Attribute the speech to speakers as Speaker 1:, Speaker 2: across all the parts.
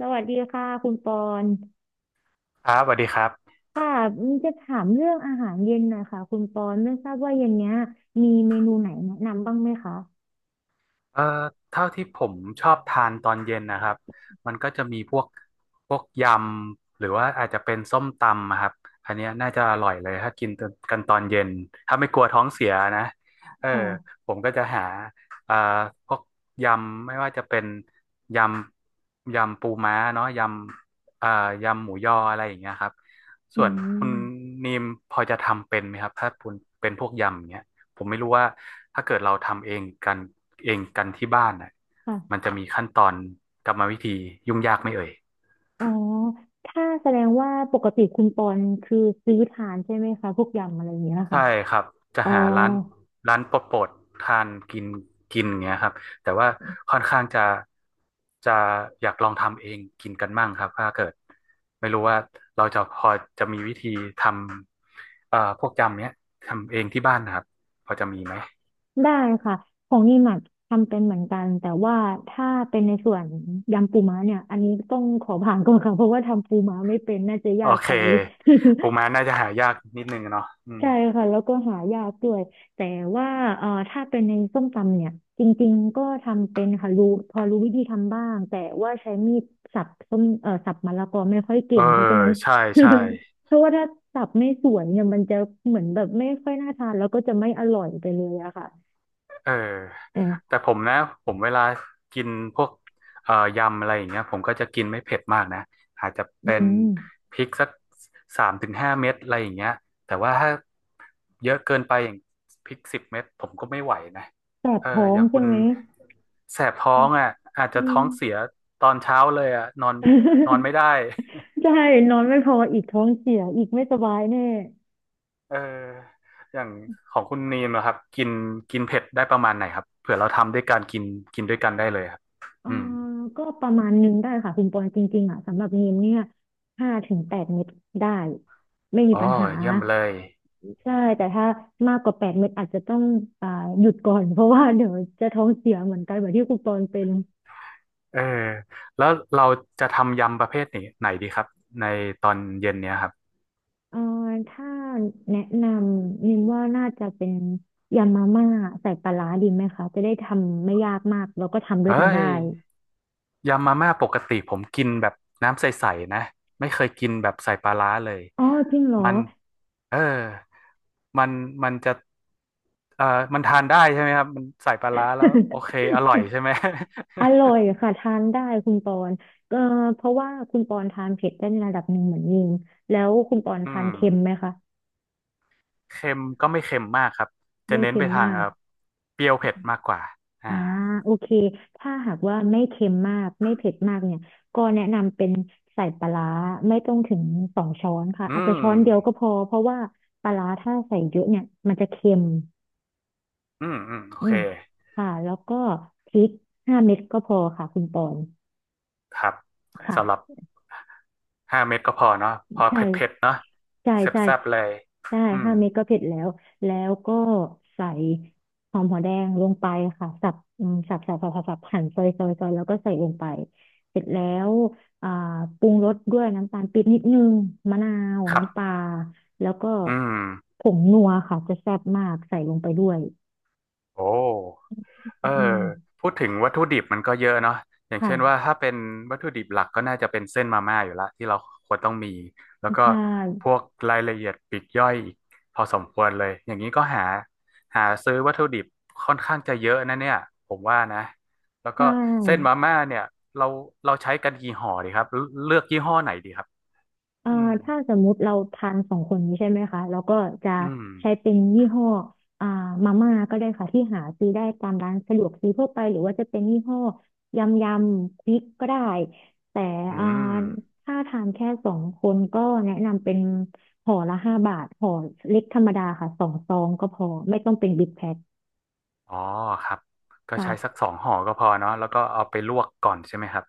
Speaker 1: สวัสดีค่ะคุณปอน
Speaker 2: ครับสวัสดีครับ
Speaker 1: ค่ะจะถามเรื่องอาหารเย็นหน่อยค่ะคุณปอนไม่ทราบว่าเย็นเนี้ยมีเมนูไหนแนะนำบ้างไหมคะ
Speaker 2: เอ่อเท่าที่ผมชอบทานตอนเย็นนะครับมันก็จะมีพวกยำหรือว่าอาจจะเป็นส้มตำอะครับอันเนี้ยน่าจะอร่อยเลยถ้ากินกันตอนเย็นถ้าไม่กลัวท้องเสียนะเออ
Speaker 1: ค่ะ
Speaker 2: ผมก็จะหาเอ่อพวกยำไม่ว่าจะเป็นยยำปูม้าเนาะยำยำหมูยออะไรอย่างเงี้ยครับ
Speaker 1: อื
Speaker 2: ส่วนคุณ
Speaker 1: ม
Speaker 2: นีมพอจะทำเป็นไหมครับถ้าคุณเป็นพวกยำอย่างเงี้ย ผมไม่รู้ว่าถ้าเกิดเราทำเองกันที่บ้านน่ะมัน
Speaker 1: ค่ะ
Speaker 2: จะมีขั้นตอนกรรมวิธียุ่งยากไหม่เอ่ย
Speaker 1: อ๋อถ้าแสดงว่าปกติคุณปอนคือซื้อทานใช่ไหมคะพวกยำอะไรอย่างเงี้ย
Speaker 2: ใช่
Speaker 1: ค่ะ
Speaker 2: ครับจะ
Speaker 1: อ๋อ
Speaker 2: หาร้านโปรดๆทานกินกินอย่างเงี้ยครับแต่ว่าค่อนข้างจะอยากลองทำเองกินกันมั่งครับถ้าเกิดไม่รู้ว่าเราจะพอจะมีวิธีทำพวกยำเนี้ยทำเองที่บ้านนะครับพอจะมีไหม
Speaker 1: ได้ค่ะของนี่หมักทำเป็นเหมือนกันแต่ว่าถ้าเป็นในส่วนยำปูม้าเนี่ยอันนี้ต้องขอผ่านก่อนค่ะเพราะว่าทำปูม้าไม่เป็นน่าจะ
Speaker 2: โอ
Speaker 1: ยาก
Speaker 2: เค
Speaker 1: ไป
Speaker 2: ปูม้า น่าจะหายากนิดนึงอะเนาะอืม
Speaker 1: ใช่ค่ะแล้วก็หายากด้วยแต่ว่าถ้าเป็นในส้มตำเนี่ยจริงๆก็ทำเป็นค่ะรู้พอรู้วิธีทำบ้างแต่ว่าใช้มีดสับส้มสับมะละกอไม่ค่อย
Speaker 2: เอ
Speaker 1: เก่
Speaker 2: อ
Speaker 1: งเพราะฉะนั้น
Speaker 2: ใช่ใช่
Speaker 1: เพราะว่าถ้าสับไม่สวยเนี่ยมันจะเหมือนแบบไม่ค่อยน่าทานแล้วก็จะไม่อร่อยไปเลยอะค่ะ
Speaker 2: เออ
Speaker 1: แต่
Speaker 2: แต่ผมนะผมเวลากินพวกยำอะไรอย่างเงี้ยผมก็จะกินไม่เผ็ดมากนะอาจจะ
Speaker 1: อื
Speaker 2: เป็น
Speaker 1: ม
Speaker 2: พริกสักสามถึงห้าเม็ดอะไรอย่างเงี้ยแต่ว่าถ้าเยอะเกินไปอย่างพริกสิบเม็ดผมก็ไม่ไหวนะ
Speaker 1: แสบ
Speaker 2: เออ
Speaker 1: ท้อ
Speaker 2: อ
Speaker 1: ง
Speaker 2: ย่างคุ
Speaker 1: ใช่
Speaker 2: ณ
Speaker 1: ไหม
Speaker 2: แสบท้องอ่ะอาจ
Speaker 1: อื
Speaker 2: จะท้อ
Speaker 1: ม
Speaker 2: งเสียตอนเช้าเลยอ่ะนอนนอนไม่ได้
Speaker 1: ใช่นอนไม่พออีกท้องเสียอีกไม่สบายแน่
Speaker 2: เอออย่างของคุณนีมนะครับกินกินเผ็ดได้ประมาณไหนครับเผื่อเราทำด้วยการกินกินด้วยกันได้เลยครับ
Speaker 1: เอ่อ
Speaker 2: อืม
Speaker 1: ก็ประมาณหนึงได้ค่ะคุณปอนจริงๆอ่ะสำหรับนีมเนี่ยห้าถึงแปดเม็ดได้ไม่มี
Speaker 2: อ๋อ
Speaker 1: ปัญหา
Speaker 2: เยี่ยมเลย
Speaker 1: ใช่แต่ถ้ามากกว่าแปดเม็ดอาจจะต้องอ่าหยุดก่อน เพราะว่าเดี๋ยวจะท้องเสียเหมือนกันแบบที่คุณปอนเป็น
Speaker 2: เออแล้วเราจะทำยำประเภทไหนดีครับในตอนเย็นเนี้ยครับ
Speaker 1: เอ่อถ้าแนะนำนิมว่าน่าจะเป็นยำมาม่าใส่ปลาร้าดีไหมคะจะได้ทำไม่ยากมากแล้วก็ทำด้ว
Speaker 2: เอ้
Speaker 1: ยกันได้
Speaker 2: ยยำมาม่าปกติผมกินแบบน้ำใสๆนะไม่เคยกินแบบใส่ปลาร้าเลย
Speaker 1: อ๋อจริงเหรอ
Speaker 2: มันเออมันมันจะเอ่อมันทานได้ใช่ไหมครับมันใส่ปลาร้าแล้วโอเคอร่อย ใช่ไหม
Speaker 1: อ ร่อยค่ะทานได้คุณปอนเอ่อเพราะว่าคุณปอนทานเผ็ดได้ในระดับหนึ่งเหมือนยิงแล้วคุณปอน
Speaker 2: อื
Speaker 1: ทาน
Speaker 2: ม
Speaker 1: เค็มไหมคะ
Speaker 2: เค็มก็ไม่เค็มมากครับ จะ
Speaker 1: ไม่
Speaker 2: เน้น
Speaker 1: เค็
Speaker 2: ไป
Speaker 1: ม
Speaker 2: ทาง
Speaker 1: มา
Speaker 2: ค
Speaker 1: ก
Speaker 2: รับเปรี้ยวเผ็ดมากกว่าอ่า
Speaker 1: อ่าโอเคถ้าหากว่าไม่เค็มมากไม่เผ็ดมากเนี่ยก็แนะนำเป็นใส่ปลาร้าไม่ต้องถึงสองช้อนค่ะ
Speaker 2: อื
Speaker 1: อาจจะ
Speaker 2: ม
Speaker 1: ช้อนเดียวก็พอเพราะว่าปลาร้าถ้าใส่เยอะเนี่ยมันจะเค็ม
Speaker 2: อืม อืม โอ
Speaker 1: อื
Speaker 2: เค
Speaker 1: มค่ะแล้วก็พริกห้าเม็ดก็พอค่ะคุณปอน
Speaker 2: ครับ
Speaker 1: ค่ะ
Speaker 2: สำหรับห้าเม็ดก็พอเนาะพอ
Speaker 1: ใช่
Speaker 2: เผ็ดเผ็ดเนาะ
Speaker 1: ใช่
Speaker 2: แ
Speaker 1: ใช่
Speaker 2: ซ่บๆ เลย
Speaker 1: ใช่
Speaker 2: อืม
Speaker 1: ห้าเม็ดก็เผ็ดแล้วแล้วก็ใส่หอมหัวแดงลงไปค่ะสับสับหั่นซอยแล้วก็ใส่ลงไปเสร็จแล้วอ่าปรุงรสด้วยน้ำตาลปี๊บนิดนึงมะนาว
Speaker 2: ครั
Speaker 1: น้ำปลา
Speaker 2: บ
Speaker 1: แล้วก็
Speaker 2: อืม
Speaker 1: ผงนัวค่ะจะแซ่บมากใส่ลงไปด้วย
Speaker 2: โอ้ เออ
Speaker 1: อืม
Speaker 2: พูดถึงวัตถุดิบมันก็เยอะเนาะอย่างเช่นว่า
Speaker 1: ค่ะ
Speaker 2: ถ้าเป็นวัตถุดิบหลักก็น่าจะเป็นเส้นมาม่าอยู่ละที่เราควรต้องมีแล้วก็
Speaker 1: ใช่
Speaker 2: พวกรายละเอียดปลีกย่อยอีกพอสมควรเลยอย่างนี้ก็หาซื้อวัตถุดิบค่อนข้างจะเยอะนะเนี่ยผมว่านะแล้ว
Speaker 1: ใช่
Speaker 2: ก็เส้นมาม่าเนี่ยเราเราใช้กันกี่ห่อดีครับเลือกยี่ห้อไหนดีครับ
Speaker 1: อ่า
Speaker 2: อืม
Speaker 1: ถ้าสมมุติเราทานสองคนนี้ใช่ไหมคะแล้วก็จะ
Speaker 2: อืม
Speaker 1: ใช้เป็นยี่ห้ออ่ามาม่าก็ได้ค่ะที่หาซื้อได้ตามร้านสะดวกซื้อทั่วไปหรือว่าจะเป็นยี่ห้อยำยำพริกก็ได้แต่
Speaker 2: อื
Speaker 1: อ่า
Speaker 2: ม
Speaker 1: ถ้าทานแค่สองคนก็แนะนำเป็นห่อละห้าบาทห่อเล็กธรรมดาค่ะสองซองก็พอไม่ต้องเป็นบิ๊กแพ็ค
Speaker 2: อ๋อครับก็ใช้สัก
Speaker 1: ค่ะ
Speaker 2: สองห่อก็พอเนาะแล้วก็เอาไปลวกก่อนใช่ไหมครับ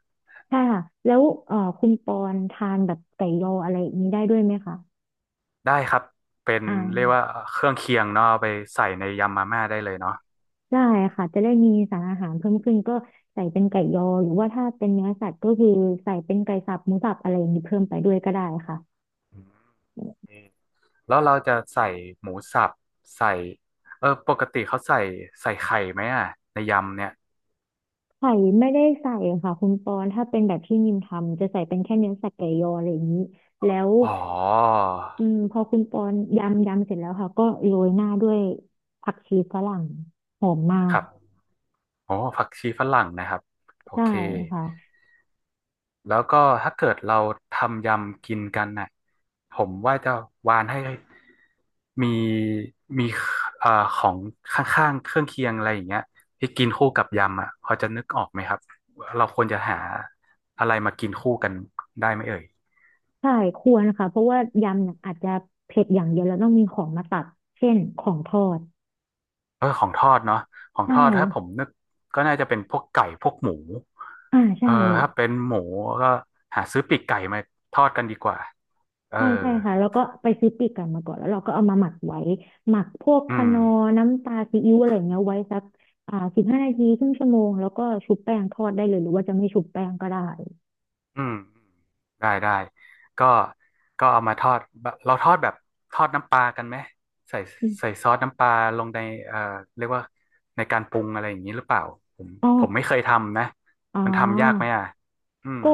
Speaker 1: ใช่ค่ะแล้วคุณปอนทานแบบไก่ยออะไรอย่างนี้ได้ด้วยไหมคะ
Speaker 2: ได้ครับเป็น
Speaker 1: อ่
Speaker 2: เรียกว่า
Speaker 1: า
Speaker 2: เครื่องเคียงเนาะเอาไปใส่ในยำมาม่าได้เลยเนาะ
Speaker 1: ได้ค่ะจะได้มีสารอาหารเพิ่มขึ้นก็ใส่เป็นไก่ยอหรือว่าถ้าเป็นเนื้อสัตว์ก็คือใส่เป็นไก่สับหมูสับอะไรอย่างนี้เพิ่มไปด้วยก็ได้ค่ะ
Speaker 2: อืมแล้วเราจะใส่หมูสับใส่เออปกติเขาใส่ไข่ไหมอ่ะในยำเนี่ย
Speaker 1: ไข่ไม่ได้ใส่ค่ะคุณปอนถ้าเป็นแบบที่นิมทำจะใส่เป็นแค่เนื้อสัตว์ไก่ยออะไรอย่างนี้แล้ว
Speaker 2: อ๋อ
Speaker 1: อืมพอคุณปอนยำเสร็จแล้วค่ะก็โรยหน้าด้วยผักชีฝรั่งหอมมา
Speaker 2: ค
Speaker 1: ก
Speaker 2: รับโอ้ผักชีฝรั่งนะครับโอ
Speaker 1: ใช่
Speaker 2: เค
Speaker 1: ค่ะ
Speaker 2: แล้วก็ถ้าเกิดเราทำยำกินกันน่ะผมว่าจะวานให้มีมีเอ่อของข้างๆเครื่องเคียงอะไรอย่างเงี้ยที่กินคู่กับยำอ่ะพอจะนึกออกไหมครับเราควรจะหาอะไรมากินคู่กันได้ไหมเอ่ย
Speaker 1: ใช่ควรค่ะเพราะว่ายำเนี่ยอาจจะเผ็ดอย่างเดียวแล้วต้องมีของมาตัดเช่นของทอด
Speaker 2: เออของทอดเนาะของ
Speaker 1: ใช่
Speaker 2: ทอดถ้าผมนึกก็น่าจะเป็นพวกไก่พวกหมู
Speaker 1: อ่าใช่
Speaker 2: เออถ้าเป็นหมูก็หาซื้อปีกไก่มาทอดกันดีกว่าเออ
Speaker 1: ใช่ใช่ค่ะแล้วก็ไปซื้อปีกไก่มาก่อนแล้วเราก็เอามาหมักไว้หมักพวก
Speaker 2: อื
Speaker 1: คะ
Speaker 2: ม
Speaker 1: นอร์น้ำตาซีอิ๊วอะไรเงี้ยไว้สักอ่าสิบห้านาทีครึ่งชั่วโมงแล้วก็ชุบแป้งทอดได้เลยหรือว่าจะไม่ชุบแป้งก็ได้
Speaker 2: อืมได้ได้ก็ก็เอามาทอดแบบทอดน้ำปลากันไหมใส่
Speaker 1: อม
Speaker 2: ใส่ซอสน้ำปลาลงในเอ่อเรียกว่าในการปรุงอะไรอย่างนี้หรือเปล่าผม
Speaker 1: อ๋อ
Speaker 2: ผมไม่เคยทำนะ
Speaker 1: อ๋
Speaker 2: มันทำยากไหม
Speaker 1: อ
Speaker 2: อ่ะอืม
Speaker 1: ก็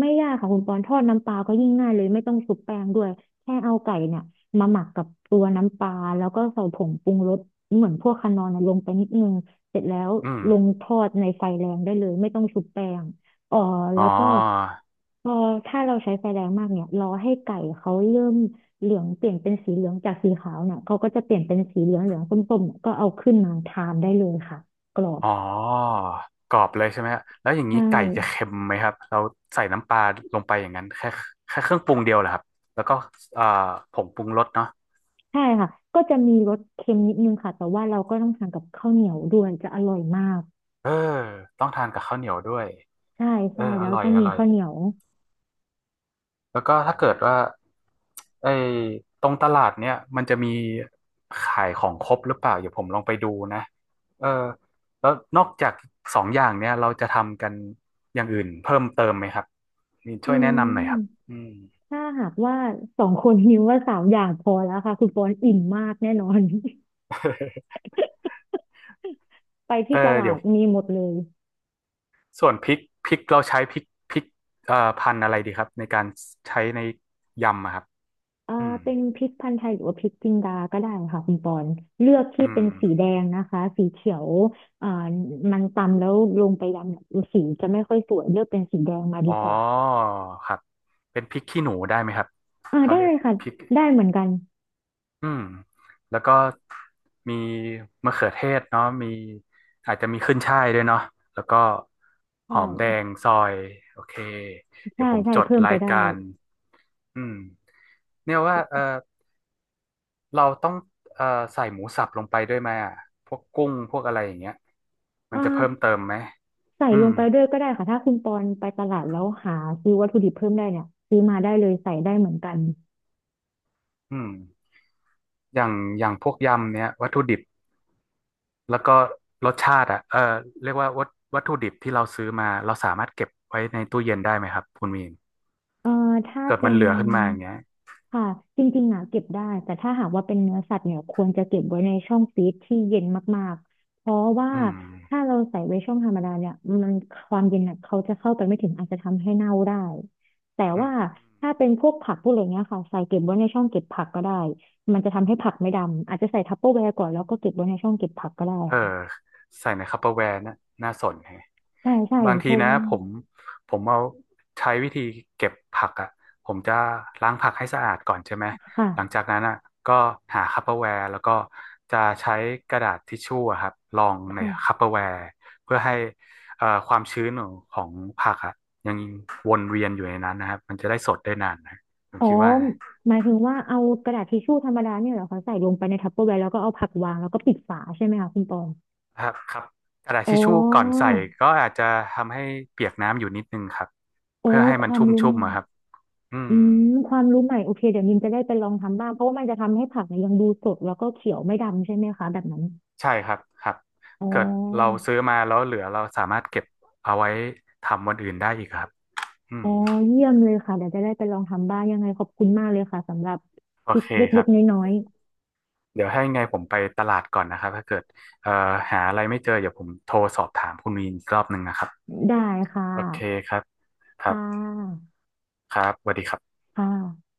Speaker 1: ไม่ยากค่ะคุณปอนทอดน้ำปลาก็ยิ่งง่ายเลยไม่ต้องชุบแป้งด้วยแค่เอาไก่เนี่ยมาหมักกับตัวน้ำปลาแล้วก็ใส่ผงปรุงรสเหมือนพวกคานอนนะลงไปนิดนึงเสร็จแล้ว
Speaker 2: อืม
Speaker 1: ลงทอดในไฟแรงได้เลยไม่ต้องชุบแป้งเอ่อ
Speaker 2: อ๋
Speaker 1: แล้
Speaker 2: อ
Speaker 1: วก็พอถ้าเราใช้ไฟแรงมากเนี่ยรอให้ไก่เขาเริ่มเหลืองเปลี่ยนเป็นสีเหลืองจากสีขาวเนี่ยเขาก็จะเปลี่ยนเป็นสีเหลืองเหลืองส้มๆเนี่ยก็เอาขึ้นมาทานได้เลยค่ะกรอบ
Speaker 2: อ๋อกรอบเลยใช่ไหมฮะแล้วอย่าง
Speaker 1: ใช
Speaker 2: นี้ไก่จะ
Speaker 1: ่
Speaker 2: เค็มไหมครับเราใส่น้ำปลาลงไปอย่างนั้นแค่เครื่องปรุงเดียวเหรอครับแล้วก็เอ่อผงปรุงรสเนาะ
Speaker 1: ใช่ค่ะก็จะมีรสเค็มนิดนึงค่ะแต่ว่าเราก็ต้องสั่งกับข้าวเหนียวด้วยจะอร่อยมาก
Speaker 2: เออต้องทานกับข้าวเหนียวด้วย
Speaker 1: ใช่
Speaker 2: เออ
Speaker 1: ใช่
Speaker 2: อ
Speaker 1: แล้ว
Speaker 2: ร่อย
Speaker 1: ต้อง
Speaker 2: อ
Speaker 1: มี
Speaker 2: ร่อย
Speaker 1: ข้าวเหนียว
Speaker 2: แล้วก็ถ้าเกิดว่าไอ้ตรงตลาดเนี่ยมันจะมีขายของครบหรือเปล่าเดี๋ยวผมลองไปดูนะเออแล้วนอกจากสองอย่างเนี่ยเราจะทำกันอย่างอื่นเพิ่มเติมไหมครับนี่
Speaker 1: อื
Speaker 2: ช่วยแนะนำหน่อยครับ
Speaker 1: ม
Speaker 2: อืม
Speaker 1: ถ้าหากว่าสองคนนิ้วว่าสามอย่างพอแล้วค่ะคุณปอนอิ่มมากแน่นอน ไป
Speaker 2: เอ
Speaker 1: ที่
Speaker 2: อ
Speaker 1: ตลา
Speaker 2: เดี๋ย
Speaker 1: ด
Speaker 2: ว
Speaker 1: มีหมดเลย
Speaker 2: ส่วนพริกเราใช้พริกพันธุ์อะไรดีครับในการใช้ในยำอะครับ
Speaker 1: เอ่อ
Speaker 2: อืม
Speaker 1: เป็นพริกพันธุ์ไทยหรือว่าพริกจินดาก็ได้ค่ะคุณปอนเลือกที่
Speaker 2: อื
Speaker 1: เป็
Speaker 2: ม
Speaker 1: นสีแดงนะคะสีเขียวเอ่อมันตำแล้วลงไปดำเนี่ยสีจะไม่ค่อยสวยเลือกเป็นสีแดงมาดี
Speaker 2: อ๋อ
Speaker 1: กว่า
Speaker 2: ครับเป็นพริกขี้หนูได้ไหมครับ
Speaker 1: อ่า
Speaker 2: เขา
Speaker 1: ได้
Speaker 2: เรียก
Speaker 1: ค่ะ
Speaker 2: พริก
Speaker 1: ได้เหมือนกัน
Speaker 2: อืมแล้วก็มีมะเขือเทศเนาะมีอาจจะมีขึ้นฉ่ายด้วยเนาะแล้วก็
Speaker 1: ใ
Speaker 2: หอมแด
Speaker 1: ช่
Speaker 2: งซอยโอเคเดี๋ย
Speaker 1: ใช่
Speaker 2: วผม
Speaker 1: ใช่
Speaker 2: จด
Speaker 1: เพิ่มไป
Speaker 2: ราย
Speaker 1: ได้
Speaker 2: การอืมเนี่ยว่าเออเราต้องเออใส่หมูสับลงไปด้วยไหมอ่ะพวกกุ้งพวกอะไรอย่างเงี้ย
Speaker 1: อ
Speaker 2: มันจะเพิ่ม
Speaker 1: ่า
Speaker 2: เติมไหม
Speaker 1: ใส่
Speaker 2: อื
Speaker 1: ล
Speaker 2: ม
Speaker 1: งไปด้วยก็ได้ค่ะถ้าคุณปอนไปตลาดแล้วหาซื้อวัตถุดิบเพิ่มได้เนี่ยซื้อมาได้เลยใส่ได้เหมือนกัน
Speaker 2: อืมอย่างอย่างพวกยำเนี้ยวัตถุดิบ แล้วก็รสชาติอ่ะเออเรียกว่าวัตถุดิบที่เราซื้อมาเราสามารถเก็บไว้ในตู้เย็นได้ไหมครับคุณมีน
Speaker 1: เอ่อถ้า
Speaker 2: เกิด
Speaker 1: เป็
Speaker 2: มัน
Speaker 1: น
Speaker 2: เหลือขึ้นมาอย่างเงี้ย
Speaker 1: ค่ะจริงๆอ่ะเก็บได้แต่ถ้าหากว่าเป็นเนื้อสัตว์เนี่ยควรจะเก็บไว้ในช่องฟรีซที่เย็นมากๆเพราะว่า
Speaker 2: อื
Speaker 1: ถ้า
Speaker 2: ม
Speaker 1: เราใส่ไว้ช่องธรรมดาเนี่ยมันความเย็นน่ะเขาจะเข้าไปไม่ถึงอาจจะทำให้เน่าได้แต่
Speaker 2: อื
Speaker 1: ว่า
Speaker 2: ม
Speaker 1: ถ้าเป็นพวกผักพวกอะไรเงี้ยค่ะใส่เก็บไว้ในช่องเก็บผักก็ได้มันจะทำให้ผักไม่ดำอาจจะใส่ทัปเปอร์แวร์ก่อนแล้วก็เก็บไว้ในช่องเก็บผักก็ได้
Speaker 2: เออ
Speaker 1: ค่ะ
Speaker 2: ใส่ในคัปเปอร์แวร์น่ะน่าสนแฮะ
Speaker 1: ใช่ใช่
Speaker 2: บาง
Speaker 1: เพ
Speaker 2: ที
Speaker 1: ง
Speaker 2: นะผมเอาใช้วิธีเก็บผักอ่ะผมจะล้างผักให้สะอาดก่อนใช่ไหม
Speaker 1: ค่ะ
Speaker 2: หลังจากนั้นอ่ะก็หาคัปเปอร์แวร์แล้วก็จะใช้กระดาษทิชชู่อะครับรองใน
Speaker 1: ค่ะ
Speaker 2: คัปเปอร์แวร์เพื่อให้ความชื้นของผักอ่ะยังวนเวียนอยู่ในนั้นนะครับมันจะได้สดได้นานนะผม
Speaker 1: อ๋อ
Speaker 2: คิดว่านะ
Speaker 1: หมายถึงว่าเอากระดาษทิชชู่ธรรมดาเนี่ยเหรอคะใส่ลงไปในทัปเปอร์แวร์แล้วก็เอาผักวางแล้วก็ปิดฝาใช่ไหมคะคุณปอง
Speaker 2: ครับครับกระดาษ
Speaker 1: อ๋อ
Speaker 2: ทิชชู่ก่อนใส่ก็อาจจะทำให้เปียกน้ำอยู่นิดนึงครับ
Speaker 1: โอ้
Speaker 2: เพื่อให้
Speaker 1: ค
Speaker 2: มัน
Speaker 1: วาม
Speaker 2: ชุ่ม
Speaker 1: รู้
Speaker 2: ชุ่
Speaker 1: ให
Speaker 2: ม
Speaker 1: ม่
Speaker 2: อะครับอื
Speaker 1: อื
Speaker 2: ม
Speaker 1: มความรู้ใหม่โอเคเดี๋ยวมินจะได้ไปลองทำบ้างเพราะว่ามันจะทำให้ผักเนี่ยยังดูสดแล้วก็เขียวไม่ดำใช่ไหมคะแบบนั้น
Speaker 2: ใช่ครับครับ
Speaker 1: อ๋อ
Speaker 2: เกิดเราซื้อมาแล้วเหลือเราสามารถเก็บเอาไว้ทำวันอื่นได้อีกครับอื
Speaker 1: อ๋
Speaker 2: ม
Speaker 1: อเยี่ยมเลยค่ะเดี๋ยวจะได้ไปลองทำบ้างยังไงขอบคุณมากเลยค่ะสำหรับ
Speaker 2: โอ
Speaker 1: ทริค
Speaker 2: เคค
Speaker 1: เล็
Speaker 2: รั
Speaker 1: ก
Speaker 2: บ
Speaker 1: ๆน้อย
Speaker 2: เดี๋ยวให้ไงผมไปตลาดก่อนนะครับถ้าเกิดเอ่อหาอะไรไม่เจอเดี๋ยวผมโทรสอบถามคุณมีนอีกรอบหนึ่งนะครับ
Speaker 1: ๆได้ค่ะ
Speaker 2: โอเคครับครับ
Speaker 1: ค่ะ
Speaker 2: ครับสวัสดีครับ
Speaker 1: ค่ะ